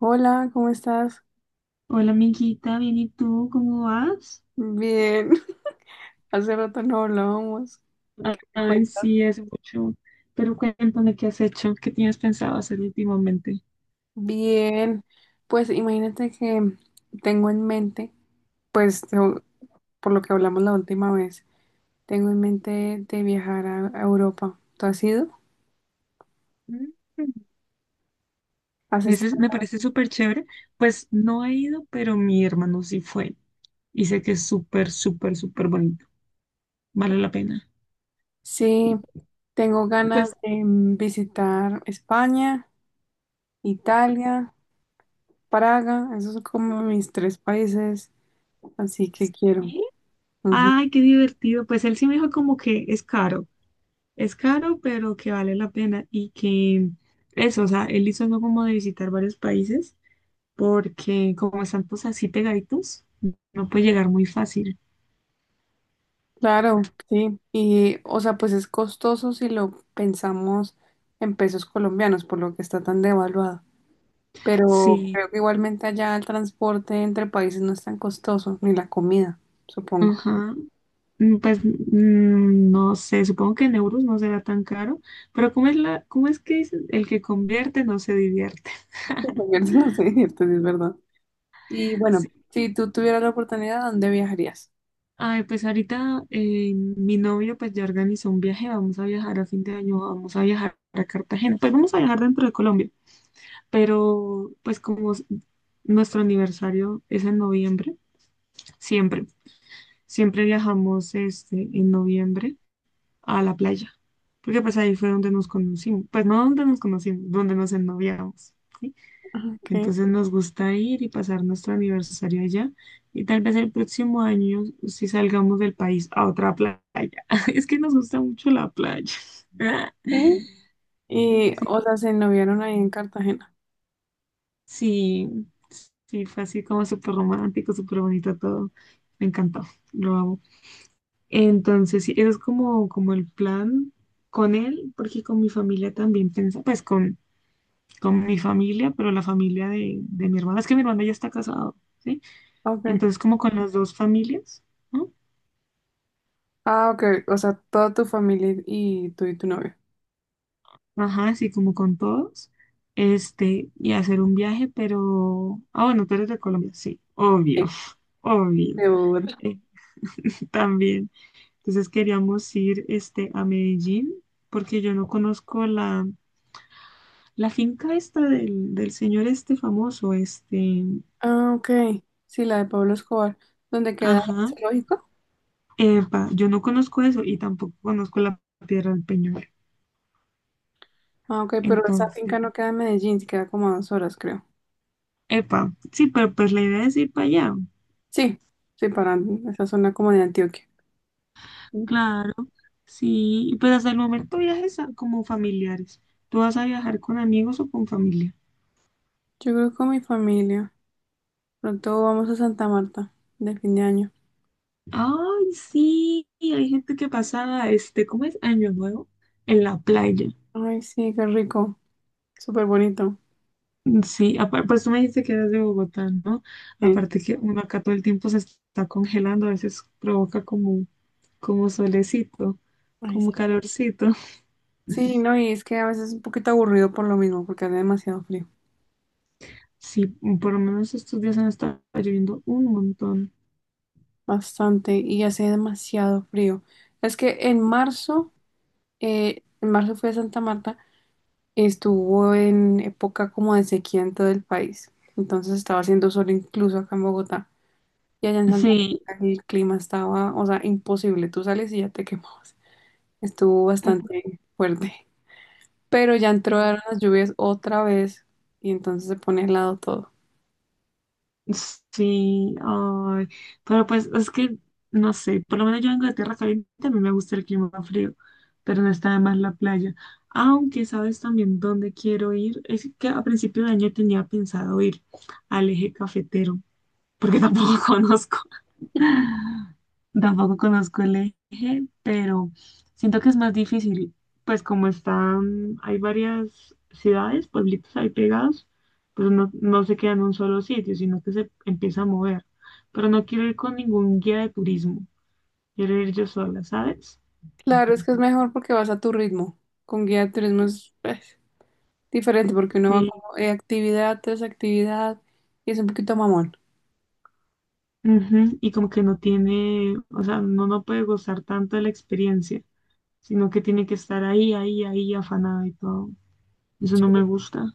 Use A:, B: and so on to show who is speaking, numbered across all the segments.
A: Hola, ¿cómo estás?
B: Hola, amiguita, bien, ¿y tú cómo vas?
A: Bien, hace rato no hablábamos. ¿Qué
B: Ay,
A: cuentas?
B: sí, hace mucho. Pero cuéntame qué has hecho, qué tienes pensado hacer últimamente.
A: Bien, pues imagínate que tengo en mente, pues por lo que hablamos la última vez, tengo en mente de viajar a Europa. ¿Tú has ido?
B: Mm.
A: ¿Has estado?
B: Me parece súper chévere. Pues no he ido, pero mi hermano sí fue. Y sé que es súper, súper, súper bonito. Vale la pena.
A: Sí, tengo ganas
B: Pues
A: de visitar España, Italia, Praga, esos son como mis tres países, así que quiero.
B: sí. Ay, qué divertido. Pues él sí me dijo como que es caro, pero que vale la pena y que eso, o sea, él hizo algo como de visitar varios países porque como están pues así pegaditos, no puede llegar muy fácil.
A: Claro, sí. Y, o sea, pues es costoso si lo pensamos en pesos colombianos, por lo que está tan devaluado. Pero
B: Sí,
A: creo que igualmente allá el transporte entre países no es tan costoso, ni la comida, supongo.
B: ajá. Pues no sé, supongo que en euros no será tan caro, pero ¿cómo es cómo es que dicen? El que convierte no se divierte.
A: Sí, comer se nos divierte, sí, es verdad. Y bueno, si tú tuvieras la oportunidad, ¿a dónde viajarías?
B: Ay, pues ahorita mi novio pues ya organizó un viaje, vamos a viajar a fin de año, vamos a viajar a Cartagena, pues vamos a viajar dentro de Colombia, pero nuestro aniversario es en noviembre, siempre, siempre viajamos este, en noviembre a la playa, porque pues ahí fue donde nos conocimos, pues no donde nos conocimos, donde nos ennoviamos, ¿sí?
A: Okay.
B: Entonces nos gusta ir y pasar nuestro aniversario allá y tal vez el próximo año si salgamos del país a otra playa. Es que nos gusta mucho la playa.
A: Sí. Y,
B: Sí,
A: o sea, se noviaron ahí en Cartagena.
B: sí, sí, fue así como súper romántico, súper bonito todo. Me encantó, lo amo. Entonces, sí, eso es como, como el plan con él, porque con mi familia también con mi familia, pero la familia de mi hermana, es que mi hermana ya está casada. ¿Sí?
A: Okay.
B: Entonces, como con las dos familias, ¿no?
A: Ah, ok. O sea, toda tu familia y tú y tu novio.
B: Ajá, así como con todos, este, y hacer un viaje, pero, ah, bueno, tú eres de Colombia, sí, obvio,
A: Sí.
B: obvio,
A: De Bogotá.
B: eh, también. Entonces queríamos ir, este, a Medellín, porque yo no conozco la finca esta del señor este famoso, este,
A: Ah, ok. Sí, la de Pablo Escobar. ¿Dónde queda ujú, el
B: ajá,
A: zoológico?
B: epa, yo no conozco eso y tampoco conozco la Piedra del Peñol.
A: Ah, ok, pero esa
B: Entonces,
A: finca no queda en Medellín, sí queda como a dos horas, creo.
B: epa, sí, pero pues la idea es ir para allá.
A: Sí, sí, para esa zona como de Antioquia. Mm.
B: Claro, sí. Y pues hasta el momento como familiares. ¿Tú vas a viajar con amigos o con familia?
A: Yo creo que con mi familia. Pronto vamos a Santa Marta, de fin de año.
B: Ay, sí. Hay gente que pasa, este, ¿cómo es? Año Nuevo en la playa.
A: Ay, sí, qué rico. Súper bonito.
B: Sí, pues tú me dijiste que eras de Bogotá, ¿no?
A: Sí.
B: Aparte que uno acá todo el tiempo se está congelando, a veces provoca como, como solecito,
A: Ay,
B: como
A: sí.
B: calorcito.
A: Sí, no, y es que a veces es un poquito aburrido por lo mismo, porque hace demasiado frío.
B: Sí, por lo menos estos días han estado lloviendo un montón.
A: Bastante, y hace demasiado frío. Es que en marzo fui a Santa Marta. Estuvo en época como de sequía en todo el país. Entonces estaba haciendo sol incluso acá en Bogotá. Y allá en Santa
B: Sí.
A: Marta el clima estaba, o sea, imposible. Tú sales y ya te quemabas. Estuvo bastante fuerte. Pero ya entraron las lluvias otra vez y entonces se pone helado todo.
B: Sí, ay, pero no sé, por lo menos yo vengo de tierra caliente, a mí me gusta el clima frío, pero no está de más la playa. Aunque sabes también dónde quiero ir, es que a principio de año tenía pensado ir al eje cafetero, porque tampoco conozco. Tampoco conozco el eje, pero siento que es más difícil, pues como están, hay varias ciudades, pueblitos ahí pegados, pues no se queda en un solo sitio, sino que se empieza a mover. Pero no quiero ir con ningún guía de turismo, quiero ir yo sola, ¿sabes?
A: Claro, es que es mejor porque vas a tu ritmo. Con guía de turismo es pues, diferente porque uno va
B: Sí.
A: como actividad tras actividad y es un poquito mamón.
B: Ujú. Y como que no tiene, o sea, no puede gozar tanto de la experiencia, sino que tiene que estar ahí, afanada y todo. Eso
A: Sí,
B: no me gusta.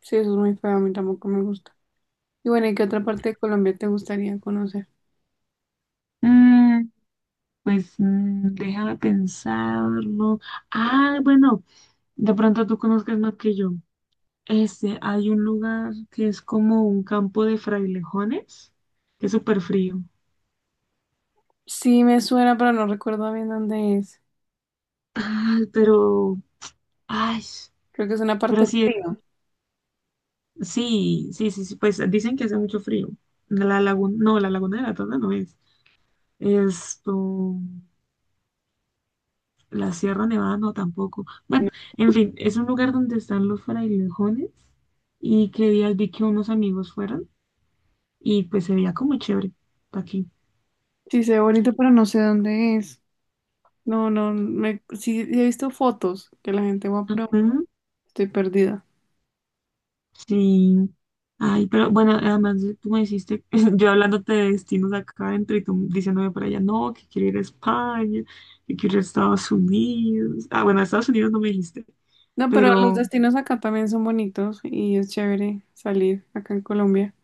A: sí, eso es muy feo, a mí tampoco me gusta. Y bueno, ¿y qué otra parte de Colombia te gustaría conocer?
B: Mm. Pues déjame pensarlo. Ah, bueno, de pronto tú conozcas más que yo. Este, hay un lugar que es como un campo de frailejones, que es súper frío.
A: Sí me suena, pero no recuerdo bien dónde es.
B: Ay, pero, ay,
A: Creo que es una parte
B: pero sí, es-
A: fría.
B: sí, sí, sí, sí, pues dicen que hace mucho frío. La laguna de la Tona no es. Esto, la Sierra Nevada no tampoco. Bueno,
A: No.
B: en fin, es un lugar donde están los frailejones y que días vi que unos amigos fueron. Y pues se veía como chévere aquí.
A: Sí, se ve bonito, pero no sé dónde es. No, no, sí he visto fotos que la gente va, pero
B: Ujú.
A: estoy perdida.
B: Sí. Ay, pero bueno, tú me hiciste, yo hablándote de destinos acá adentro y tú diciéndome por allá, no, que quiero ir a España, que quiero ir a Estados Unidos. Ah, bueno, a Estados Unidos no me dijiste,
A: No, pero los
B: pero,
A: destinos acá también son bonitos y es chévere salir acá en Colombia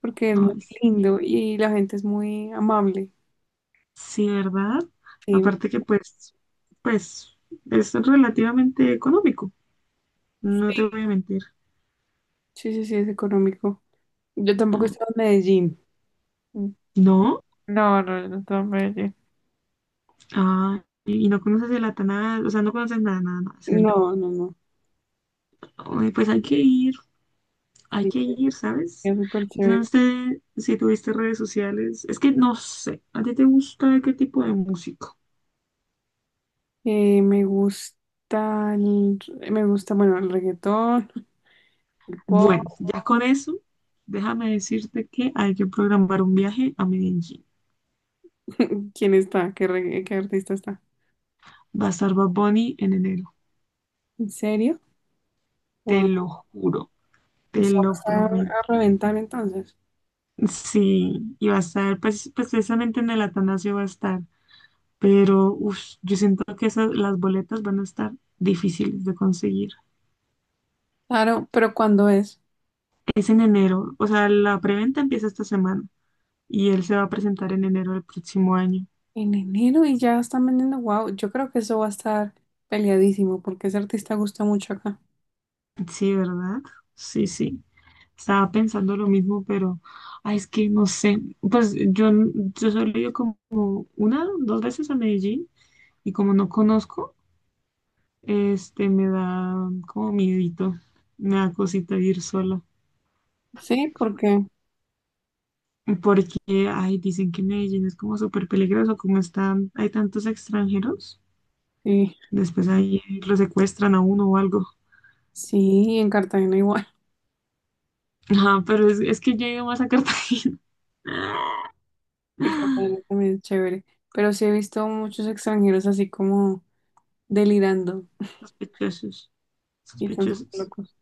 A: porque es muy
B: ay, sí,
A: lindo y la gente es muy amable.
B: sí, ¿verdad?
A: Sí,
B: Aparte que pues, es relativamente económico, no te voy a mentir.
A: sí, sí, sí, es económico. Yo tampoco he
B: Ah.
A: estado en Medellín.
B: No,
A: No, no, no, estaba en Medellín.
B: ah, y no conoces el Atanás, o sea, no conoces nada, nada, nada, cero.
A: No, no, no.
B: Ay, pues hay
A: Sí.
B: que ir, ¿sabes?
A: Es súper
B: Yo
A: chévere.
B: no sé si tuviste redes sociales, es que no sé, ¿a ti te gusta qué tipo de música?
A: Me gusta, me gusta, bueno, el reggaetón, el pop.
B: Bueno, ya con eso, déjame decirte que hay que programar un viaje a Medellín.
A: ¿Quién está? ¿Qué, qué artista está?
B: Va a estar Bad Bunny en enero,
A: ¿En serio?
B: te lo
A: Wow.
B: juro, te
A: Eso va
B: lo
A: a estar a
B: prometo.
A: reventar entonces.
B: Sí, y va a estar, pues, precisamente en el Atanasio va a estar, pero uf, yo siento que las boletas van a estar difíciles de conseguir.
A: Claro, pero ¿cuándo es?
B: Es en enero, o sea, la preventa empieza esta semana y él se va a presentar en enero del próximo año.
A: En enero y ya están vendiendo. Wow, yo creo que eso va a estar peleadísimo porque ese artista gusta mucho acá.
B: Sí, ¿verdad? Sí, sí. Estaba pensando lo mismo, pero, ay, es que no sé. Pues yo, yo solo he ido como una, dos veces a Medellín y como no conozco, este, me da como miedito, me da cosita ir sola.
A: Sí, porque
B: Porque, ay, dicen que Medellín es como súper peligroso, como están, hay tantos extranjeros,
A: sí,
B: después ahí lo secuestran a uno o algo.
A: sí, en Cartagena igual.
B: Ajá, pero es que yo he ido más a Cartagena.
A: En Cartagena también es chévere. Pero sí he visto muchos extranjeros así como delirando
B: Sospechosos,
A: y están súper
B: sospechosos.
A: locos.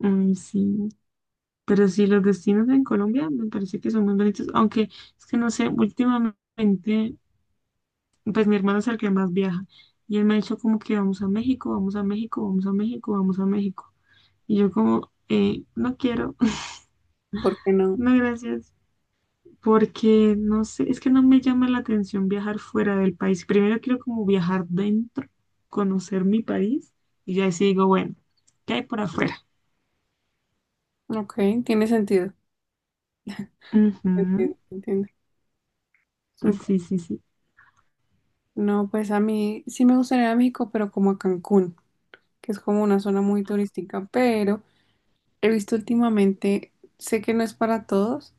B: Ay, sí. Pero sí, los destinos en Colombia me parece que son muy bonitos, aunque es que no sé, últimamente, pues mi hermano es el que más viaja y él me ha dicho como que vamos a México, vamos a México, vamos a México, vamos a México. Y yo como, no quiero,
A: ¿Por qué no?
B: no gracias. Porque no sé, es que no me llama la atención viajar fuera del país. Primero quiero como viajar dentro, conocer mi país y ya así digo, bueno, ¿qué hay por afuera?
A: Ok, tiene sentido.
B: Ujú.
A: Entiendo, entiendo. Súper.
B: Sí, sí, sí.
A: No, pues a mí sí me gustaría ir a México, pero como a Cancún, que es como una zona muy turística, pero he visto últimamente, sé que no es para todos,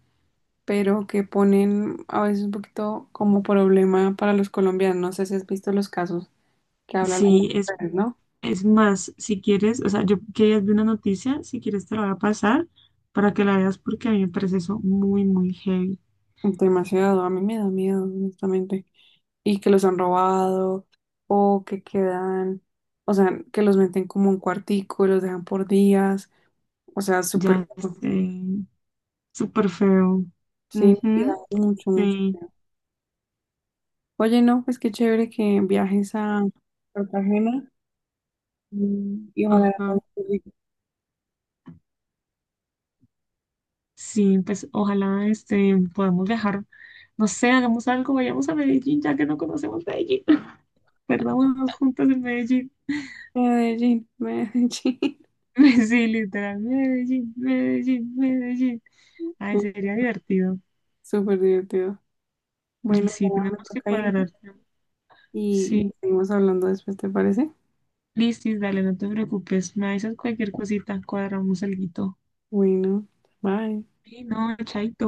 A: pero que ponen a veces un poquito como problema para los colombianos. No sé si has visto los casos que hablan las
B: Sí,
A: redes, ¿no?
B: es más, si quieres, o sea, yo quería ver una noticia, si quieres te la voy a pasar para que la veas porque a mí me parece eso muy, muy heavy.
A: Demasiado, a mí me da miedo, honestamente. Y que los han robado, o que quedan, o sea, que los meten como un cuartico y los dejan por días, o sea, súper,
B: Ya es súper feo.
A: sí, me da
B: Ujú.
A: mucho, mucho
B: Sí,
A: miedo. Oye, no, pues qué chévere que viajes a Cartagena mm, y ojalá la
B: ajá.
A: pases rico.
B: Sí, pues ojalá este, podamos viajar. No sé, hagamos algo, vayamos a Medellín, ya que no conocemos Medellín. Perdámonos juntos en Medellín.
A: Medellín, Medellín,
B: Sí, literal, Medellín, Medellín, Medellín. Ay,
A: Uy,
B: sería divertido.
A: súper divertido.
B: Mm.
A: Bueno,
B: Sí,
A: ya me
B: tenemos que
A: toca
B: cuadrar.
A: irme
B: Sí,
A: y seguimos hablando después, ¿te parece?
B: listis, dale, no te preocupes. Me avisas cualquier cosita, cuadramos el guito.
A: Bueno, bye.
B: Sí, no, chaito.